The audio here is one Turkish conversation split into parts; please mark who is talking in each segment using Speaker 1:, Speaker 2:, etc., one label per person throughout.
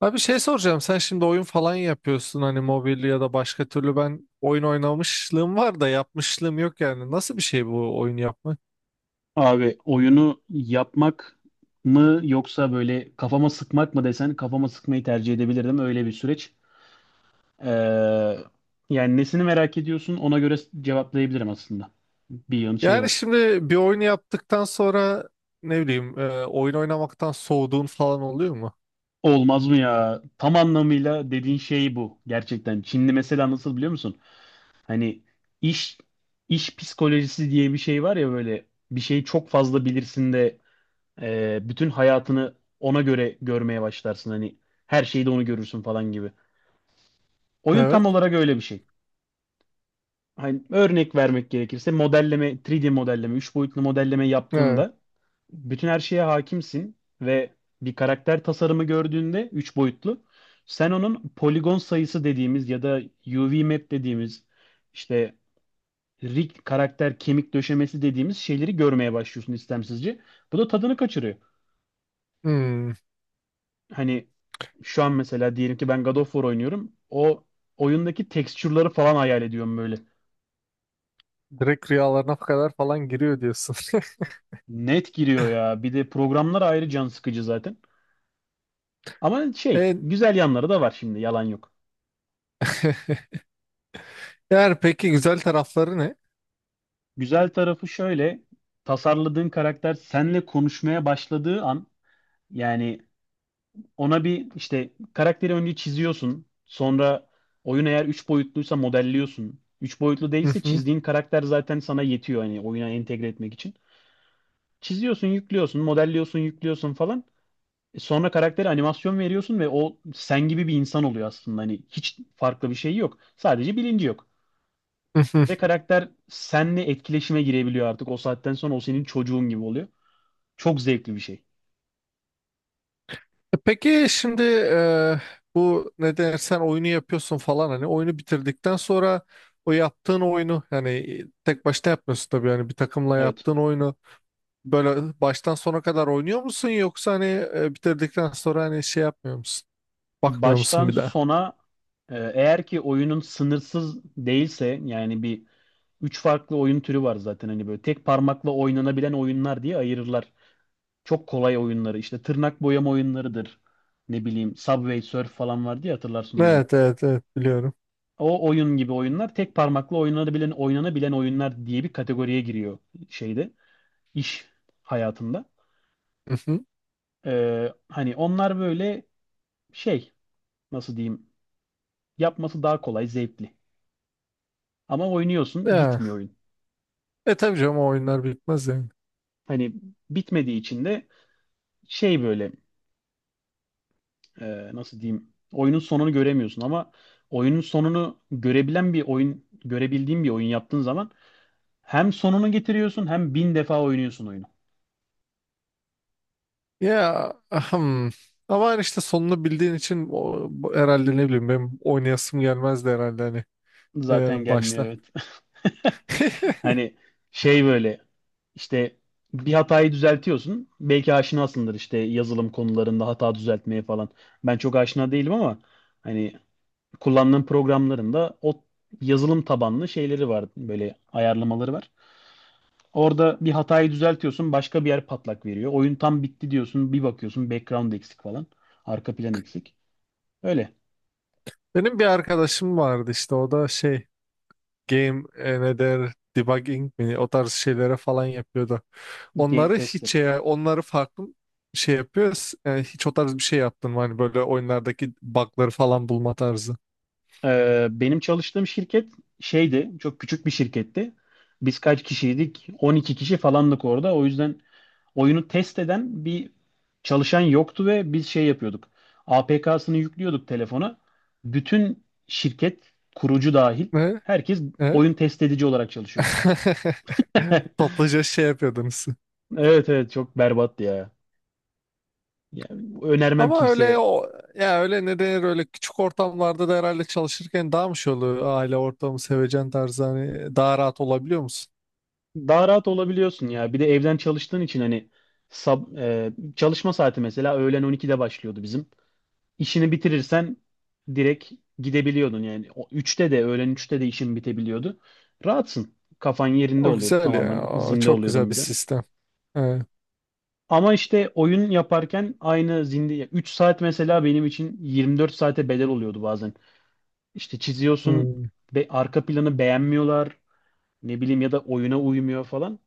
Speaker 1: Abi şey soracağım sen şimdi oyun falan yapıyorsun hani mobil ya da başka türlü ben oyun oynamışlığım var da yapmışlığım yok yani nasıl bir şey bu oyun yapmak?
Speaker 2: Abi oyunu yapmak mı yoksa böyle kafama sıkmak mı desen kafama sıkmayı tercih edebilirdim. Öyle bir süreç. Ee, yani nesini merak ediyorsun ona göre cevaplayabilirim aslında. Bir yan şey
Speaker 1: Yani
Speaker 2: var.
Speaker 1: şimdi bir oyunu yaptıktan sonra ne bileyim oyun oynamaktan soğuduğun falan oluyor mu?
Speaker 2: Olmaz mı ya? Tam anlamıyla dediğin şey bu gerçekten. Çinli mesela nasıl biliyor musun? Hani iş iş psikolojisi diye bir şey var ya böyle bir şeyi çok fazla bilirsin de bütün hayatını ona göre görmeye başlarsın. Hani her şeyi de onu görürsün falan gibi. Oyun tam
Speaker 1: Evet.
Speaker 2: olarak öyle bir şey. Hani örnek vermek gerekirse modelleme, 3D modelleme, 3 boyutlu modelleme
Speaker 1: Evet.
Speaker 2: yaptığında bütün her şeye hakimsin ve bir karakter tasarımı gördüğünde 3 boyutlu sen onun poligon sayısı dediğimiz ya da UV map dediğimiz işte rig karakter kemik döşemesi dediğimiz şeyleri görmeye başlıyorsun istemsizce. Bu da tadını kaçırıyor.
Speaker 1: Hmm.
Speaker 2: Hani şu an mesela diyelim ki ben God of War oynuyorum. O oyundaki tekstürleri falan hayal ediyorum böyle.
Speaker 1: Direkt rüyalarına kadar falan giriyor diyorsun.
Speaker 2: Net giriyor ya. Bir de programlar ayrı can sıkıcı zaten. Ama şey,
Speaker 1: E,
Speaker 2: güzel yanları da var şimdi, yalan yok.
Speaker 1: eğer peki güzel tarafları ne?
Speaker 2: Güzel tarafı şöyle, tasarladığın karakter senle konuşmaya başladığı an, yani ona bir işte karakteri önce çiziyorsun, sonra oyun eğer 3 boyutluysa modelliyorsun. 3 boyutlu değilse çizdiğin karakter zaten sana yetiyor hani oyuna entegre etmek için. Çiziyorsun, yüklüyorsun, modelliyorsun, yüklüyorsun falan. Sonra karaktere animasyon veriyorsun ve o sen gibi bir insan oluyor aslında. Hani hiç farklı bir şey yok. Sadece bilinci yok. Ve karakter senle etkileşime girebiliyor artık. O saatten sonra o senin çocuğun gibi oluyor. Çok zevkli bir şey.
Speaker 1: Peki şimdi bu ne dersen oyunu yapıyorsun falan hani oyunu bitirdikten sonra o yaptığın oyunu yani tek başına yapmıyorsun tabii yani bir takımla
Speaker 2: Evet.
Speaker 1: yaptığın oyunu böyle baştan sona kadar oynuyor musun yoksa hani bitirdikten sonra hani şey yapmıyor musun? Bakmıyor musun
Speaker 2: Baştan
Speaker 1: bir daha?
Speaker 2: sona eğer ki oyunun sınırsız değilse yani bir üç farklı oyun türü var zaten hani böyle tek parmakla oynanabilen oyunlar diye ayırırlar. Çok kolay oyunları işte tırnak boyama oyunlarıdır. Ne bileyim Subway Surf falan vardı ya hatırlarsın oyunu.
Speaker 1: Evet, evet, evet, biliyorum.
Speaker 2: O oyun gibi oyunlar tek parmakla oynanabilen oyunlar diye bir kategoriye giriyor şeyde iş hayatında.
Speaker 1: Mhm.
Speaker 2: Hani onlar böyle şey nasıl diyeyim yapması daha kolay zevkli. Ama oynuyorsun
Speaker 1: Ya,
Speaker 2: bitmiyor oyun.
Speaker 1: tabii canım o oyunlar bitmez yani.
Speaker 2: Hani bitmediği için de şey böyle nasıl diyeyim oyunun sonunu göremiyorsun ama oyunun sonunu görebilen bir oyun görebildiğin bir oyun yaptığın zaman hem sonunu getiriyorsun hem bin defa oynuyorsun oyunu.
Speaker 1: Ya ahem. Ama hani işte sonunu bildiğin için o, herhalde ne bileyim benim oynayasım gelmezdi herhalde hani
Speaker 2: Zaten gelmiyor
Speaker 1: başta.
Speaker 2: evet. Hani şey böyle işte bir hatayı düzeltiyorsun. Belki aşinasındır işte yazılım konularında hata düzeltmeye falan. Ben çok aşina değilim ama hani kullandığım programların da o yazılım tabanlı şeyleri var. Böyle ayarlamaları var. Orada bir hatayı düzeltiyorsun, başka bir yer patlak veriyor. Oyun tam bitti diyorsun, bir bakıyorsun background eksik falan. Arka plan eksik. Öyle.
Speaker 1: Benim bir arkadaşım vardı işte o da şey game ne der debugging mi o tarz şeylere falan yapıyordu.
Speaker 2: Game
Speaker 1: Onları
Speaker 2: tester.
Speaker 1: hiç onları farklı şey yapıyor. Hiç o tarz bir şey yaptın mı? Hani böyle oyunlardaki bug'ları falan bulma tarzı.
Speaker 2: Benim çalıştığım şirket şeydi, çok küçük bir şirketti. Biz kaç kişiydik? 12 kişi falandık orada. O yüzden oyunu test eden bir çalışan yoktu ve biz şey yapıyorduk. APK'sını yüklüyorduk telefona. Bütün şirket, kurucu dahil,
Speaker 1: Ne?
Speaker 2: herkes
Speaker 1: Evet.
Speaker 2: oyun test edici olarak çalışıyordu.
Speaker 1: Toplaca şey yapıyordunuz.
Speaker 2: Evet evet çok berbat ya. Ya, önermem
Speaker 1: Ama öyle
Speaker 2: kimseye.
Speaker 1: o, ya öyle ne denir öyle küçük ortamlarda da herhalde çalışırken daha mı şey oluyor aile ortamı sevecen tarzı hani daha rahat olabiliyor musun?
Speaker 2: Daha rahat olabiliyorsun ya. Bir de evden çalıştığın için hani çalışma saati mesela öğlen 12'de başlıyordu bizim. İşini bitirirsen direkt gidebiliyordun yani. O 3'te de öğlen üçte de işin bitebiliyordu. Rahatsın. Kafan yerinde
Speaker 1: O
Speaker 2: oluyordu
Speaker 1: güzel ya,
Speaker 2: tamamen.
Speaker 1: o
Speaker 2: Zinde
Speaker 1: çok güzel
Speaker 2: oluyordun
Speaker 1: bir
Speaker 2: bir de.
Speaker 1: sistem. Evet.
Speaker 2: Ama işte oyun yaparken aynı zinde 3 saat mesela benim için 24 saate bedel oluyordu bazen. İşte çiziyorsun
Speaker 1: Hmm.
Speaker 2: ve arka planı beğenmiyorlar. Ne bileyim ya da oyuna uymuyor falan.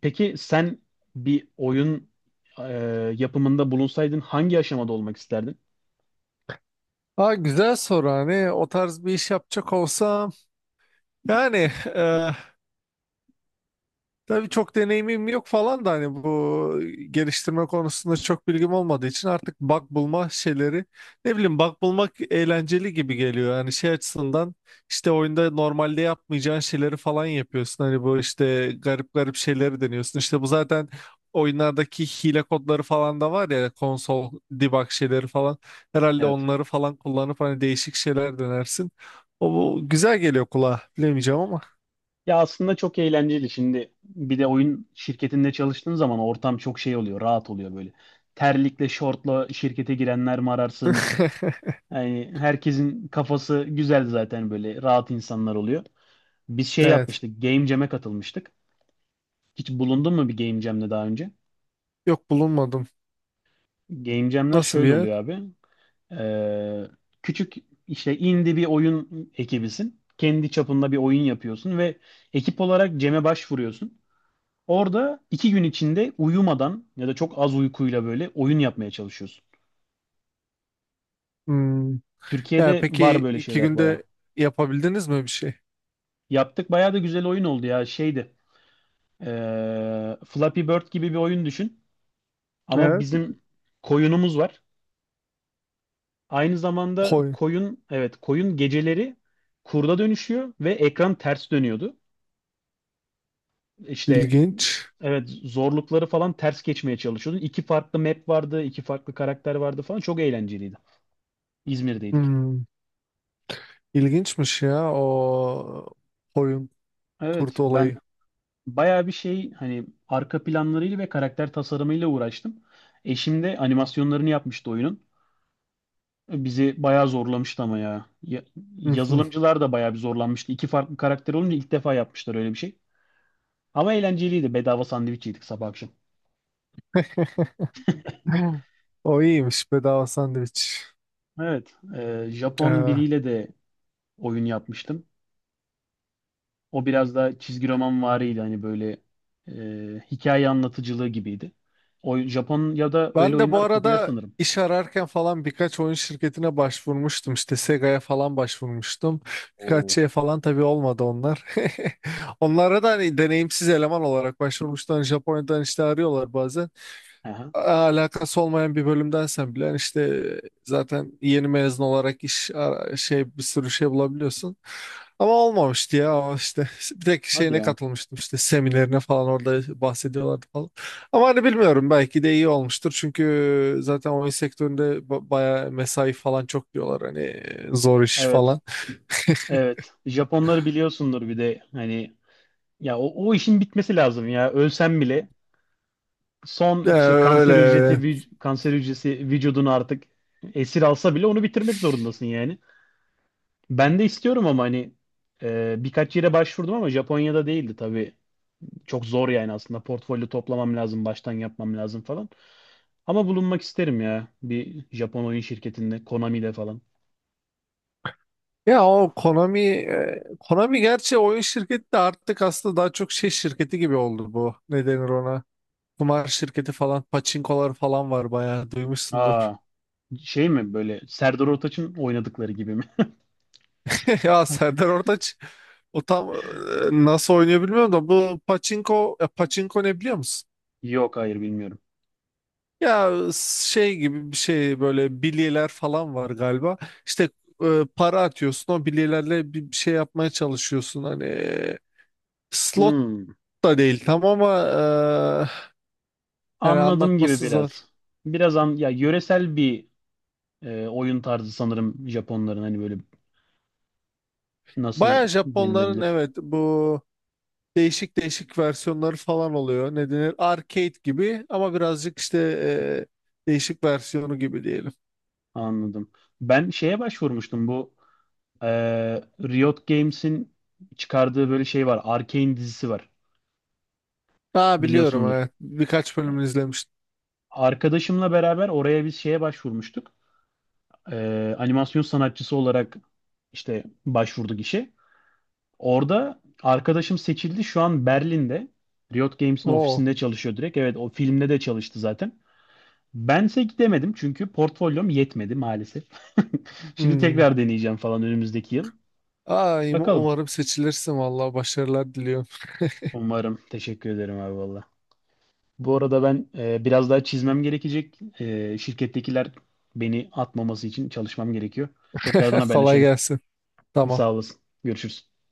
Speaker 2: Peki sen bir oyun e, yapımında bulunsaydın hangi aşamada olmak isterdin?
Speaker 1: Aa, güzel soru, hani o tarz bir iş yapacak olsam yani tabii çok deneyimim yok falan da hani bu geliştirme konusunda çok bilgim olmadığı için artık bug bulma şeyleri ne bileyim bug bulmak eğlenceli gibi geliyor. Yani şey açısından işte oyunda normalde yapmayacağın şeyleri falan yapıyorsun. Hani bu işte garip garip şeyleri deniyorsun. İşte bu zaten oyunlardaki hile kodları falan da var ya, konsol debug şeyleri falan. Herhalde
Speaker 2: Evet.
Speaker 1: onları falan kullanıp hani değişik şeyler denersin. O bu güzel geliyor kulağa, bilemeyeceğim ama.
Speaker 2: Ya aslında çok eğlenceli. Şimdi bir de oyun şirketinde çalıştığın zaman ortam çok şey oluyor, rahat oluyor böyle. Terlikle, şortla şirkete girenler mi ararsın? Yani herkesin kafası güzel zaten böyle rahat insanlar oluyor. Biz şey
Speaker 1: Evet.
Speaker 2: yapmıştık, Game Jam'e katılmıştık. Hiç bulundun mu bir Game Jam'le daha önce?
Speaker 1: Yok, bulunmadım.
Speaker 2: Game Jam'ler
Speaker 1: Nasıl bir
Speaker 2: şöyle
Speaker 1: yer?
Speaker 2: oluyor abi. Ee, küçük işte indie bir oyun ekibisin. Kendi çapında bir oyun yapıyorsun ve ekip olarak Cem'e başvuruyorsun. Orada 2 gün içinde uyumadan ya da çok az uykuyla böyle oyun yapmaya çalışıyorsun.
Speaker 1: Hmm. Ya
Speaker 2: Türkiye'de var
Speaker 1: peki
Speaker 2: böyle
Speaker 1: iki
Speaker 2: şeyler baya.
Speaker 1: günde yapabildiniz mi bir şey?
Speaker 2: Yaptık baya da güzel oyun oldu ya şeydi. Flappy Bird gibi bir oyun düşün. Ama
Speaker 1: Evet.
Speaker 2: bizim koyunumuz var. Aynı zamanda
Speaker 1: Koyun.
Speaker 2: koyun evet koyun geceleri kurda dönüşüyor ve ekran ters dönüyordu. İşte
Speaker 1: İlginç.
Speaker 2: evet zorlukları falan ters geçmeye çalışıyordun. İki farklı map vardı, iki farklı karakter vardı falan. Çok eğlenceliydi. İzmir'deydik.
Speaker 1: Hmm. İlginçmiş ya o koyun kurt
Speaker 2: Evet, ben
Speaker 1: olayı.
Speaker 2: bayağı bir şey hani arka planlarıyla ve karakter tasarımıyla uğraştım. Eşim de animasyonlarını yapmıştı oyunun. Bizi bayağı zorlamıştı ama ya. Ya-
Speaker 1: Hı hı.
Speaker 2: Yazılımcılar da bayağı bir zorlanmıştı. İki farklı karakter olunca ilk defa yapmışlar öyle bir şey. Ama eğlenceliydi. Bedava sandviç yedik sabah akşam.
Speaker 1: O iyiymiş, bedava sandviç.
Speaker 2: Evet, Japon
Speaker 1: Ee,
Speaker 2: biriyle de oyun yapmıştım. O biraz daha çizgi roman variydi hani böyle hikaye anlatıcılığı gibiydi. O Japonya'da öyle
Speaker 1: ben de bu
Speaker 2: oyunlar popüler
Speaker 1: arada
Speaker 2: sanırım.
Speaker 1: iş ararken falan birkaç oyun şirketine başvurmuştum. İşte Sega'ya falan başvurmuştum. Birkaç
Speaker 2: Oo.
Speaker 1: şey falan tabii olmadı onlar. Onlara da hani deneyimsiz eleman olarak başvurmuştum. Hani Japonya'dan işte arıyorlar bazen.
Speaker 2: Aha.
Speaker 1: Alakası olmayan bir bölümdensen bile hani işte zaten yeni mezun olarak şey bir sürü şey bulabiliyorsun. Ama olmamıştı ya o işte, bir tek
Speaker 2: Hadi
Speaker 1: şeyine
Speaker 2: ya.
Speaker 1: katılmıştım, işte seminerine falan, orada bahsediyorlardı falan. Ama hani bilmiyorum, belki de iyi olmuştur, çünkü zaten oyun sektöründe bayağı mesai falan çok diyorlar, hani zor iş
Speaker 2: Evet.
Speaker 1: falan.
Speaker 2: Evet. Japonları biliyorsundur bir de hani ya o, o işin bitmesi lazım ya. Ölsem bile son işte
Speaker 1: Öyle.
Speaker 2: kanser hücresi vücudunu artık esir alsa bile onu bitirmek zorundasın yani. Ben de istiyorum ama hani birkaç yere başvurdum ama Japonya'da değildi tabii. Çok zor yani aslında. Portfolyo toplamam lazım, baştan yapmam lazım falan. Ama bulunmak isterim ya bir Japon oyun şirketinde, Konami'de falan.
Speaker 1: Ya o Konami gerçi oyun şirketi de artık aslında daha çok şey şirketi gibi oldu bu. Ne denir ona? Kumar şirketi falan, paçinkolar falan var, bayağı duymuşsundur.
Speaker 2: Aa, şey mi böyle Serdar Ortaç'ın oynadıkları gibi mi?
Speaker 1: Ya Serdar Ortaç o tam nasıl oynuyor bilmiyorum da bu paçinko ne biliyor musun?
Speaker 2: Yok hayır bilmiyorum.
Speaker 1: Ya şey gibi bir şey, böyle bilyeler falan var galiba. İşte para atıyorsun o bilyelerle bir şey yapmaya çalışıyorsun. Hani slot
Speaker 2: Hmm,
Speaker 1: da değil tam ama yani
Speaker 2: anladım gibi
Speaker 1: anlatması zor.
Speaker 2: biraz. Biraz an, ya yöresel bir oyun tarzı sanırım Japonların hani böyle nasıl
Speaker 1: Baya Japonların,
Speaker 2: denilebilir?
Speaker 1: evet, bu değişik değişik versiyonları falan oluyor. Ne denir? Arcade gibi ama birazcık işte değişik versiyonu gibi diyelim.
Speaker 2: Anladım. Ben şeye başvurmuştum bu e, Riot Games'in çıkardığı böyle şey var. Arcane dizisi var.
Speaker 1: Aa, biliyorum,
Speaker 2: Biliyorsundur.
Speaker 1: evet. Birkaç bölümünü izlemiştim.
Speaker 2: Arkadaşımla beraber oraya biz şeye başvurmuştuk. Animasyon sanatçısı olarak işte başvurduk işe. Orada arkadaşım seçildi. Şu an Berlin'de. Riot Games'in
Speaker 1: Oo.
Speaker 2: ofisinde çalışıyor direkt. Evet o filmde de çalıştı zaten. Bense gidemedim çünkü portfolyom yetmedi maalesef. Şimdi
Speaker 1: Hmm.
Speaker 2: tekrar deneyeceğim falan önümüzdeki yıl.
Speaker 1: Ay,
Speaker 2: Bakalım.
Speaker 1: umarım seçilirsin, vallahi başarılar diliyorum.
Speaker 2: Umarım. Teşekkür ederim abi valla. Bu arada ben biraz daha çizmem gerekecek. Şirkettekiler beni atmaması için çalışmam gerekiyor. Tekrardan
Speaker 1: Kolay
Speaker 2: haberleşelim.
Speaker 1: gelsin. Tamam.
Speaker 2: Sağ olasın. Görüşürüz.